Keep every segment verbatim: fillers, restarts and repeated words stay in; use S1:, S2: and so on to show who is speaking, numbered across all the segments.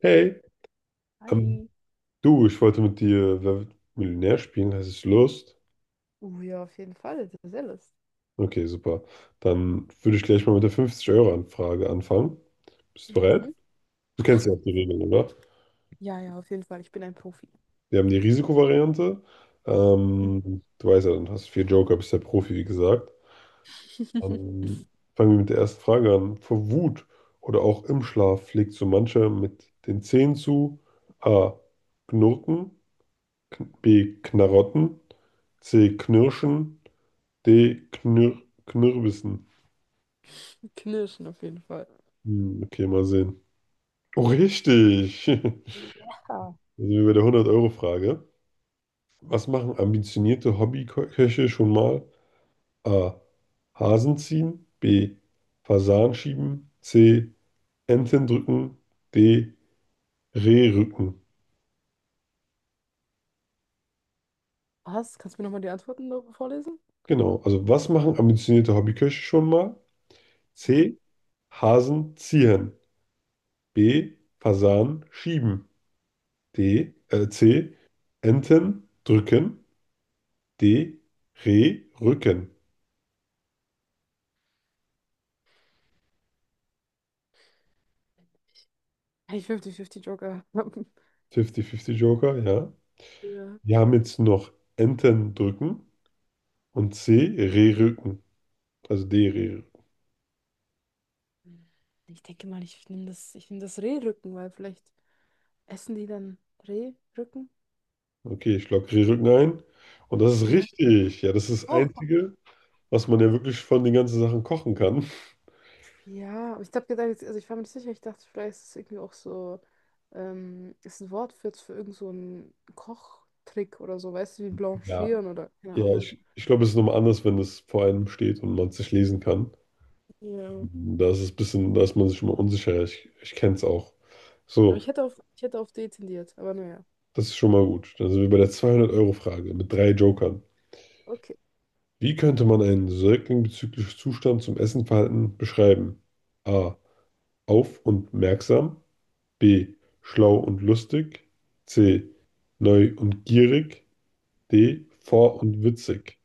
S1: Hey, ähm,
S2: Hi.
S1: du, ich wollte mit dir Wer wird Millionär spielen. Hast du Lust?
S2: Uh, ja, auf jeden Fall. Das sehr lustig.
S1: Okay, super. Dann würde ich gleich mal mit der fünfzig Euro Anfrage anfangen. Bist du bereit?
S2: Mhm.
S1: Du
S2: Ja.
S1: kennst ja auch die Regeln, oder?
S2: Ja, ja, auf jeden Fall. Ich bin ein Profi.
S1: Wir haben die Risikovariante. Ähm, du weißt ja, dann hast du vier Joker, bist der Profi, wie gesagt. Dann fangen wir mit der ersten Frage an. Vor Wut oder auch im Schlaf schlägt so mancher mit den Zähnen zu. A. Knurken. K- B. Knarotten. C. Knirschen. D. Knir Knirbissen.
S2: Knirschen auf jeden Fall.
S1: Hm, okay, mal sehen. Oh, richtig.
S2: Ja.
S1: Da sind wir bei der hundert-Euro-Frage. Was machen ambitionierte Hobbyköche schon mal? A. Hasen ziehen. B. Fasan schieben. C. Enten drücken. D. Reh rücken.
S2: Was? Kannst du mir nochmal die Antworten noch vorlesen?
S1: Genau. Also, was machen ambitionierte Hobbyköche schon mal?
S2: Ja.
S1: C. Hasen ziehen. B. Fasan schieben. D. Äh, C. Enten drücken. D, Re, Rücken.
S2: Hey, fünfzig fünfzig Joker.
S1: fünfzig fünfzig Joker, ja.
S2: Ja.
S1: Wir haben jetzt noch Enten drücken und C, Re, Rücken. Also D, Re, Rücken.
S2: Ich denke mal, ich nehme das, ich nehm das Rehrücken, weil vielleicht essen die dann Rehrücken.
S1: Okay, ich logge Re, Rücken ein. Und das ist
S2: Ja.
S1: richtig. Ja, das ist das
S2: Oh.
S1: Einzige, was man ja wirklich von den ganzen Sachen kochen kann.
S2: Ja, aber ich habe gedacht, jetzt- also ich war mir nicht sicher, ich dachte, vielleicht ist es irgendwie auch so, ähm, ist ein Wort für, für irgend so einen Kochtrick oder so, weißt du, wie
S1: Ja.
S2: blanchieren oder keine
S1: Ja,
S2: Ahnung.
S1: ich, ich glaube, es ist nochmal anders, wenn es vor einem steht und man es nicht lesen kann.
S2: Ja.
S1: Da ist es ein bisschen, da ist man sich schon mal unsicher. Ich, ich kenne es auch.
S2: Aber ich
S1: So,
S2: hätte auf, ich hätte auf D tendiert, aber naja.
S1: das ist schon mal gut. Dann sind wir bei der zweihundert Euro Frage mit drei Jokern.
S2: Okay.
S1: Wie könnte man einen Säugling bezüglich Zustand zum Essenverhalten beschreiben? A. Auf und merksam. B. Schlau und lustig. C. Neu und gierig. D. Vor und witzig.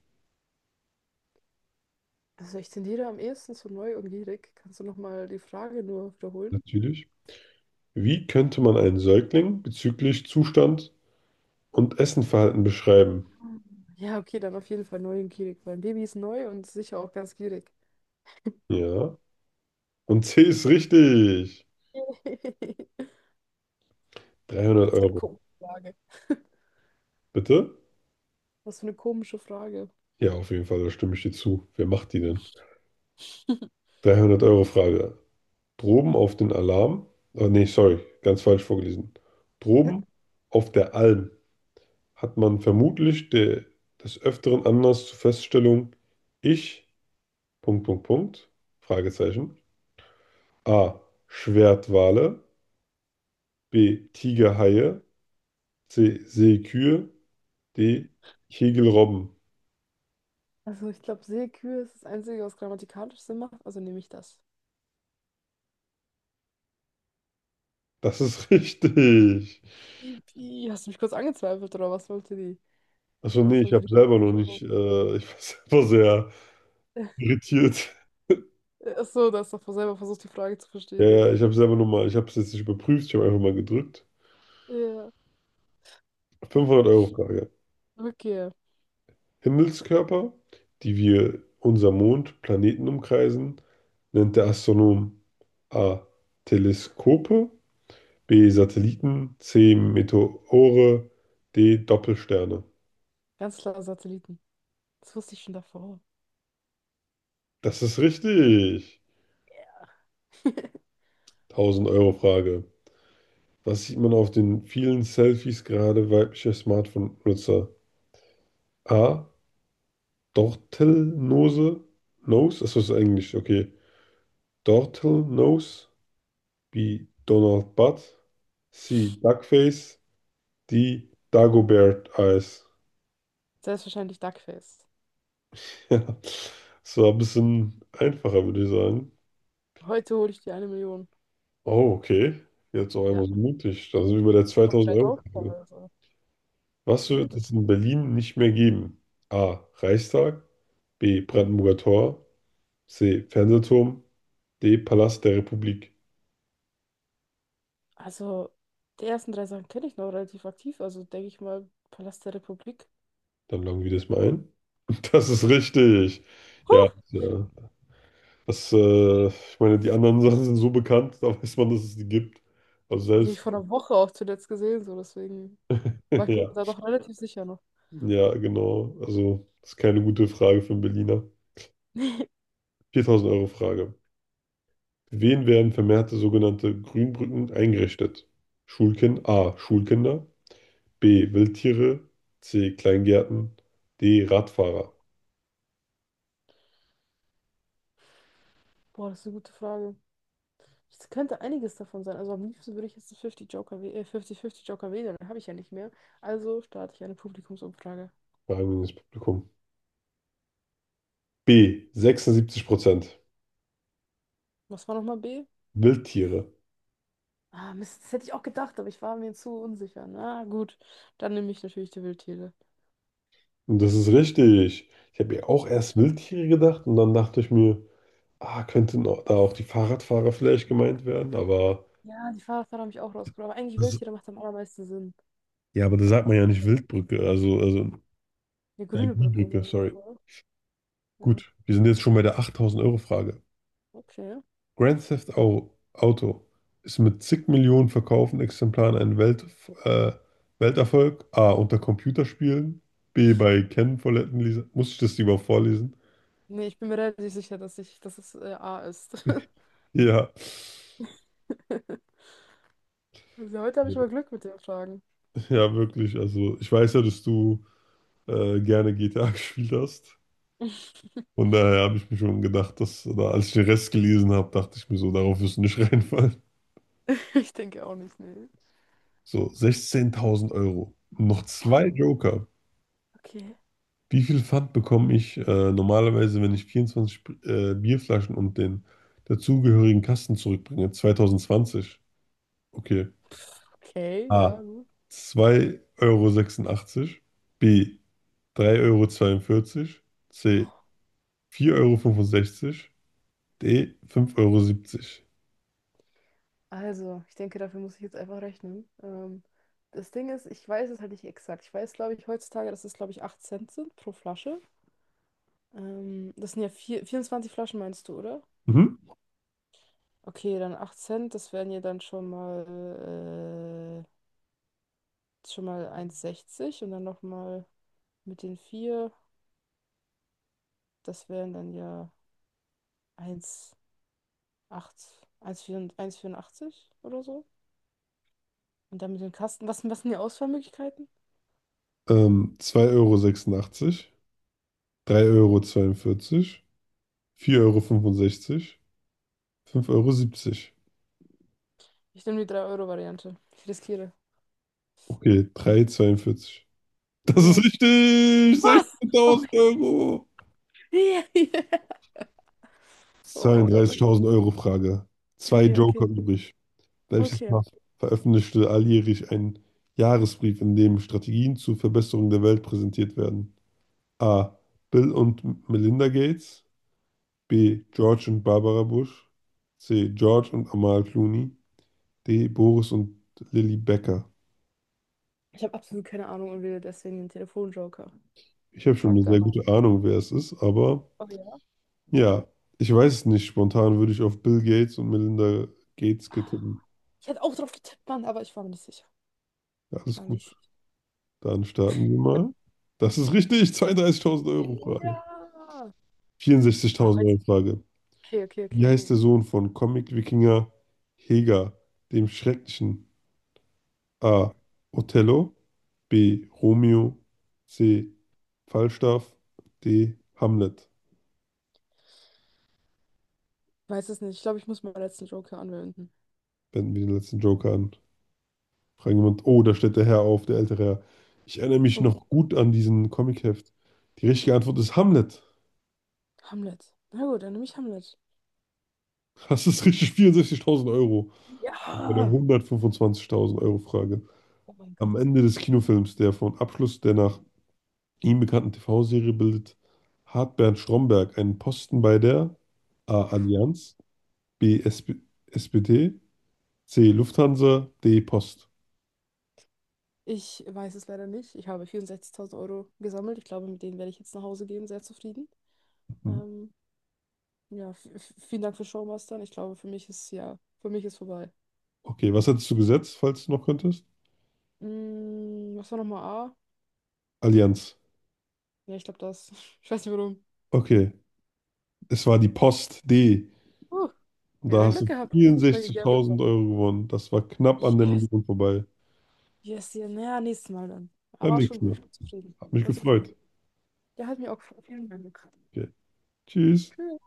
S2: Also ich tendiere am ehesten zu neu und gierig. Kannst du nochmal die Frage nur wiederholen?
S1: Natürlich. Wie könnte man einen Säugling bezüglich Zustand und Essenverhalten beschreiben?
S2: Ja, okay, dann auf jeden Fall neu und gierig, weil ein Baby ist neu und sicher auch ganz gierig.
S1: Ja. Und C ist richtig. 300
S2: Was für eine
S1: Euro.
S2: komische Frage.
S1: Bitte?
S2: Was für eine komische Frage.
S1: Ja, auf jeden Fall, da stimme ich dir zu. Wer macht die denn? dreihundert Euro Frage. Droben auf den Alarm, oh nee, sorry, ganz falsch vorgelesen. Droben auf der Alm hat man vermutlich de, des Öfteren Anlass zur Feststellung, ich, Punkt, Punkt, Punkt, Fragezeichen, A. Schwertwale, B. Tigerhaie, C. Seekühe, D. Kegelrobben.
S2: Also ich glaube, Seekühe ist das Einzige, was grammatikalisch Sinn macht, also nehme ich das.
S1: Das ist richtig.
S2: Ipi, hast du mich kurz angezweifelt, oder was wollte die?
S1: Achso, nee,
S2: Was
S1: ich
S2: wollte
S1: habe
S2: die
S1: selber noch
S2: kritische
S1: nicht,
S2: Pause?
S1: äh, ich war selber sehr irritiert.
S2: Ach so, da hast du doch selber versucht, die Frage zu
S1: Ja,
S2: verstehen.
S1: ja, ich habe selber noch mal, ich habe es jetzt nicht überprüft, ich habe einfach mal gedrückt.
S2: Ja,
S1: fünfhundert-Euro-Frage.
S2: okay.
S1: Himmelskörper, die wir unser Mond, Planeten umkreisen, nennt der Astronom A. Teleskope, B. Satelliten, C. Meteore, D. Doppelsterne.
S2: Ganz klar Satelliten. Das wusste ich schon davor.
S1: Das ist richtig. tausend-Euro-Frage. Was sieht man auf den vielen Selfies gerade weiblicher Smartphone-Nutzer? A. Dortelnose. Nose? Achso, das ist Englisch, okay. Dortelnose, wie Donald Butt, C. Duckface, D. Dagobert Eyes.
S2: Selbstverständlich Duckface.
S1: Ja, das war ein bisschen einfacher, würde ich sagen.
S2: Heute hole ich dir eine Million.
S1: Oh, okay. Jetzt auch
S2: Ja,
S1: einmal so mutig. Da sind wir bei der
S2: ich habe noch drei Jokes da,
S1: zweitausend-Euro-Frage.
S2: also.
S1: Was
S2: Ja,
S1: wird es
S2: gut.
S1: in Berlin nicht mehr geben? A. Reichstag, B. Brandenburger Tor, C. Fernsehturm, D. Palast der Republik.
S2: Also, die ersten drei Sachen kenne ich noch relativ aktiv. Also, denke ich mal, Palast der Republik.
S1: Dann loggen wir das mal ein. Das ist richtig. Ja,
S2: Huh!
S1: ja. Das, äh, ich meine, die anderen Sachen sind so bekannt, da weiß man, dass es die gibt. Also
S2: Die habe ich
S1: selbst,
S2: vor einer Woche auch zuletzt gesehen, so deswegen war ich mir
S1: ja,
S2: da doch relativ sicher noch.
S1: ja, genau. Also, das ist keine gute Frage für einen Berliner. viertausend-Euro-Frage. Wen werden vermehrte sogenannte Grünbrücken eingerichtet? Schulkind A. Schulkinder. B. Wildtiere. C. Kleingärten. D. Radfahrer.
S2: Boah, das ist eine gute Frage. Es könnte einiges davon sein. Also am liebsten würde ich jetzt einen fünfzig Joker, wäh- äh, fünfzig fünfzig Joker wählen, den habe ich ja nicht mehr. Also starte ich eine Publikumsumfrage.
S1: Fragen wir ins Publikum. B. sechsundsiebzig Prozent.
S2: Was war nochmal B?
S1: Wildtiere.
S2: Ah, Mist, das hätte ich auch gedacht, aber ich war mir zu unsicher. Na gut, dann nehme ich natürlich die Wildtiere.
S1: Und das ist richtig. Ich habe ja auch erst Wildtiere gedacht und dann dachte ich mir, ah, könnten auch- da auch die Fahrradfahrer vielleicht gemeint werden, aber
S2: Ja, die Fahrradfahrer haben mich auch rausgenommen. Aber eigentlich
S1: das,
S2: Wildtiere macht am allermeisten Sinn.
S1: ja, aber da sagt man ja nicht Wildbrücke, also, also
S2: Eine
S1: äh,
S2: grüne Brücke,
S1: Grünbrücke,
S2: sagt man doch,
S1: sorry.
S2: oder? Ja.
S1: Gut, wir sind jetzt schon bei der achttausend-Euro-Frage.
S2: Okay.
S1: Grand Theft Au- Auto ist mit zig Millionen verkauften Exemplaren ein Welt, äh, Welterfolg. A, unter Computerspielen. B, bei Ken-Foletten. Lisa- Muss ich das lieber vorlesen?
S2: Nee, ich bin mir relativ sicher, dass ich, dass es äh, A ist.
S1: Ja.
S2: Also heute habe ich mal Glück mit den Fragen.
S1: Ja, wirklich. Also, ich weiß ja, dass du äh, gerne G T A gespielt hast. Von daher habe ich mir schon gedacht, dass, oder als ich den Rest gelesen habe, dachte ich mir so, darauf wirst du nicht reinfallen.
S2: Ich denke auch nicht, nee.
S1: So, sechzehntausend Euro. Noch
S2: Oh,
S1: zwei Joker.
S2: okay.
S1: Wie viel Pfand bekomme ich äh, normalerweise, wenn ich vierundzwanzig Sp- äh, Bierflaschen und den dazugehörigen Kasten zurückbringe? zweitausendzwanzig. Okay.
S2: Okay, ja,
S1: A.
S2: gut.
S1: zwei Euro sechsundachtzig. B. drei Euro zweiundvierzig. C. vier Euro fünfundsechzig. D. fünf Euro siebzig.
S2: Also, ich denke, dafür muss ich jetzt einfach rechnen. Ähm, das Ding ist, ich weiß es halt nicht exakt. Ich weiß, glaube ich, heutzutage, dass es, glaube ich, acht Cent sind pro Flasche. Ähm, das sind ja vier, vierundzwanzig Flaschen, meinst du, oder?
S1: Mhm.
S2: Okay, dann acht Cent, das wären ja dann schon mal, äh, schon mal eins Komma sechzig und dann nochmal mit den vier. Das wären dann ja eins Komma acht eins Komma achtundachtzig vierundachtzig oder so. Und dann mit dem Kasten. Was, was sind die Auswahlmöglichkeiten?
S1: Ähm, zwei Euro sechsundachtzig, sechsundachtzig, drei Euro, zweiundvierzig, vier Euro, fünfundsechzig, fünf Euro, siebzig.
S2: Ich nehme die drei Euro Variante. Ich riskiere.
S1: Okay, drei Euro zweiundvierzig. Das ist
S2: Ja.
S1: richtig!
S2: Was?
S1: 16.000
S2: Okay.
S1: Euro!
S2: Oh mein Gott, okay.
S1: Zweiunddreißigtausend Euro Frage. Zwei
S2: Okay,
S1: Joker
S2: okay.
S1: übrig. Welches
S2: Okay.
S1: Paar veröffentlichte alljährlich einen Jahresbrief, in dem Strategien zur Verbesserung der Welt präsentiert werden? A. Bill und Melinda Gates. B. George und Barbara Bush. C. George und Amal Clooney. D. Boris und Lilly Becker.
S2: Ich habe absolut keine Ahnung und wähle deswegen den Telefonjoker
S1: Ich habe
S2: und
S1: schon eine
S2: frag da
S1: sehr
S2: mal.
S1: gute Ahnung, wer es ist, aber
S2: Oh ja.
S1: ja, ich weiß es nicht. Spontan würde ich auf Bill Gates und Melinda Gates tippen.
S2: Ich hätte auch drauf getippt, Mann, aber ich war mir nicht sicher.
S1: Ja,
S2: Ich
S1: alles
S2: war mir
S1: gut.
S2: nicht sicher.
S1: Dann starten wir mal. Das ist richtig. zweiunddreißigtausend Euro Frage.
S2: Ja. Ah,
S1: 64.000
S2: heute.
S1: Euro Frage.
S2: Okay, okay,
S1: Wie
S2: okay.
S1: heißt der Sohn von Comic-Wikinger Heger, dem Schrecklichen? A. Othello. B. Romeo. C. Falstaff. D. Hamlet.
S2: Weiß es nicht. Ich glaube, ich muss meinen letzten Joker anwenden.
S1: Wenden wir den letzten Joker an. Fragen jemand, oh, da steht der Herr auf, der ältere Herr. Ich erinnere mich
S2: Oh,
S1: noch gut an diesen Comicheft. Die richtige Antwort ist Hamlet.
S2: Hamlet. Na gut, dann nehme ich Hamlet.
S1: Das ist richtig, vierundsechzigtausend Euro. Bei der
S2: Ja.
S1: hundertfünfundzwanzigtausend Euro Frage.
S2: Oh mein Gott.
S1: Am Ende des Kinofilms, der von Abschluss der nach ihm bekannten T V-Serie bildet, hat Bernd Stromberg einen Posten bei der A. Allianz, B. S P S P D, C. Lufthansa, D. Post.
S2: Ich weiß es leider nicht. Ich habe vierundsechzigtausend Euro gesammelt. Ich glaube, mit denen werde ich jetzt nach Hause gehen, sehr zufrieden.
S1: Mhm.
S2: Ähm, ja, v- v- vielen Dank für Showmastern. Ich glaube, für mich ist ja, für mich ist vorbei.
S1: Okay, was hättest du gesetzt, falls du noch könntest?
S2: Mm, was war nochmal A?
S1: Allianz.
S2: Ja, ich glaube das. Ich weiß nicht warum.
S1: Okay, es war die Post D.
S2: Huh.
S1: Und
S2: Ja,
S1: da
S2: dann
S1: hast,
S2: Glück
S1: ja, du
S2: gehabt, dass ich nicht mehr gegambelt
S1: vierundsechzigtausend
S2: habe.
S1: Euro gewonnen. Das war knapp an der
S2: Yes,
S1: Million vorbei.
S2: yes, ja. Naja, nächstes Mal dann.
S1: Beim
S2: Aber schon
S1: nächsten
S2: gut,
S1: Mal.
S2: ich bin zufrieden.
S1: Hat
S2: Ich
S1: mich
S2: bin zufrieden.
S1: gefreut.
S2: Ja, hat mir auch gefallen. Vielen Dank.
S1: Okay. Tschüss.
S2: Tschüss.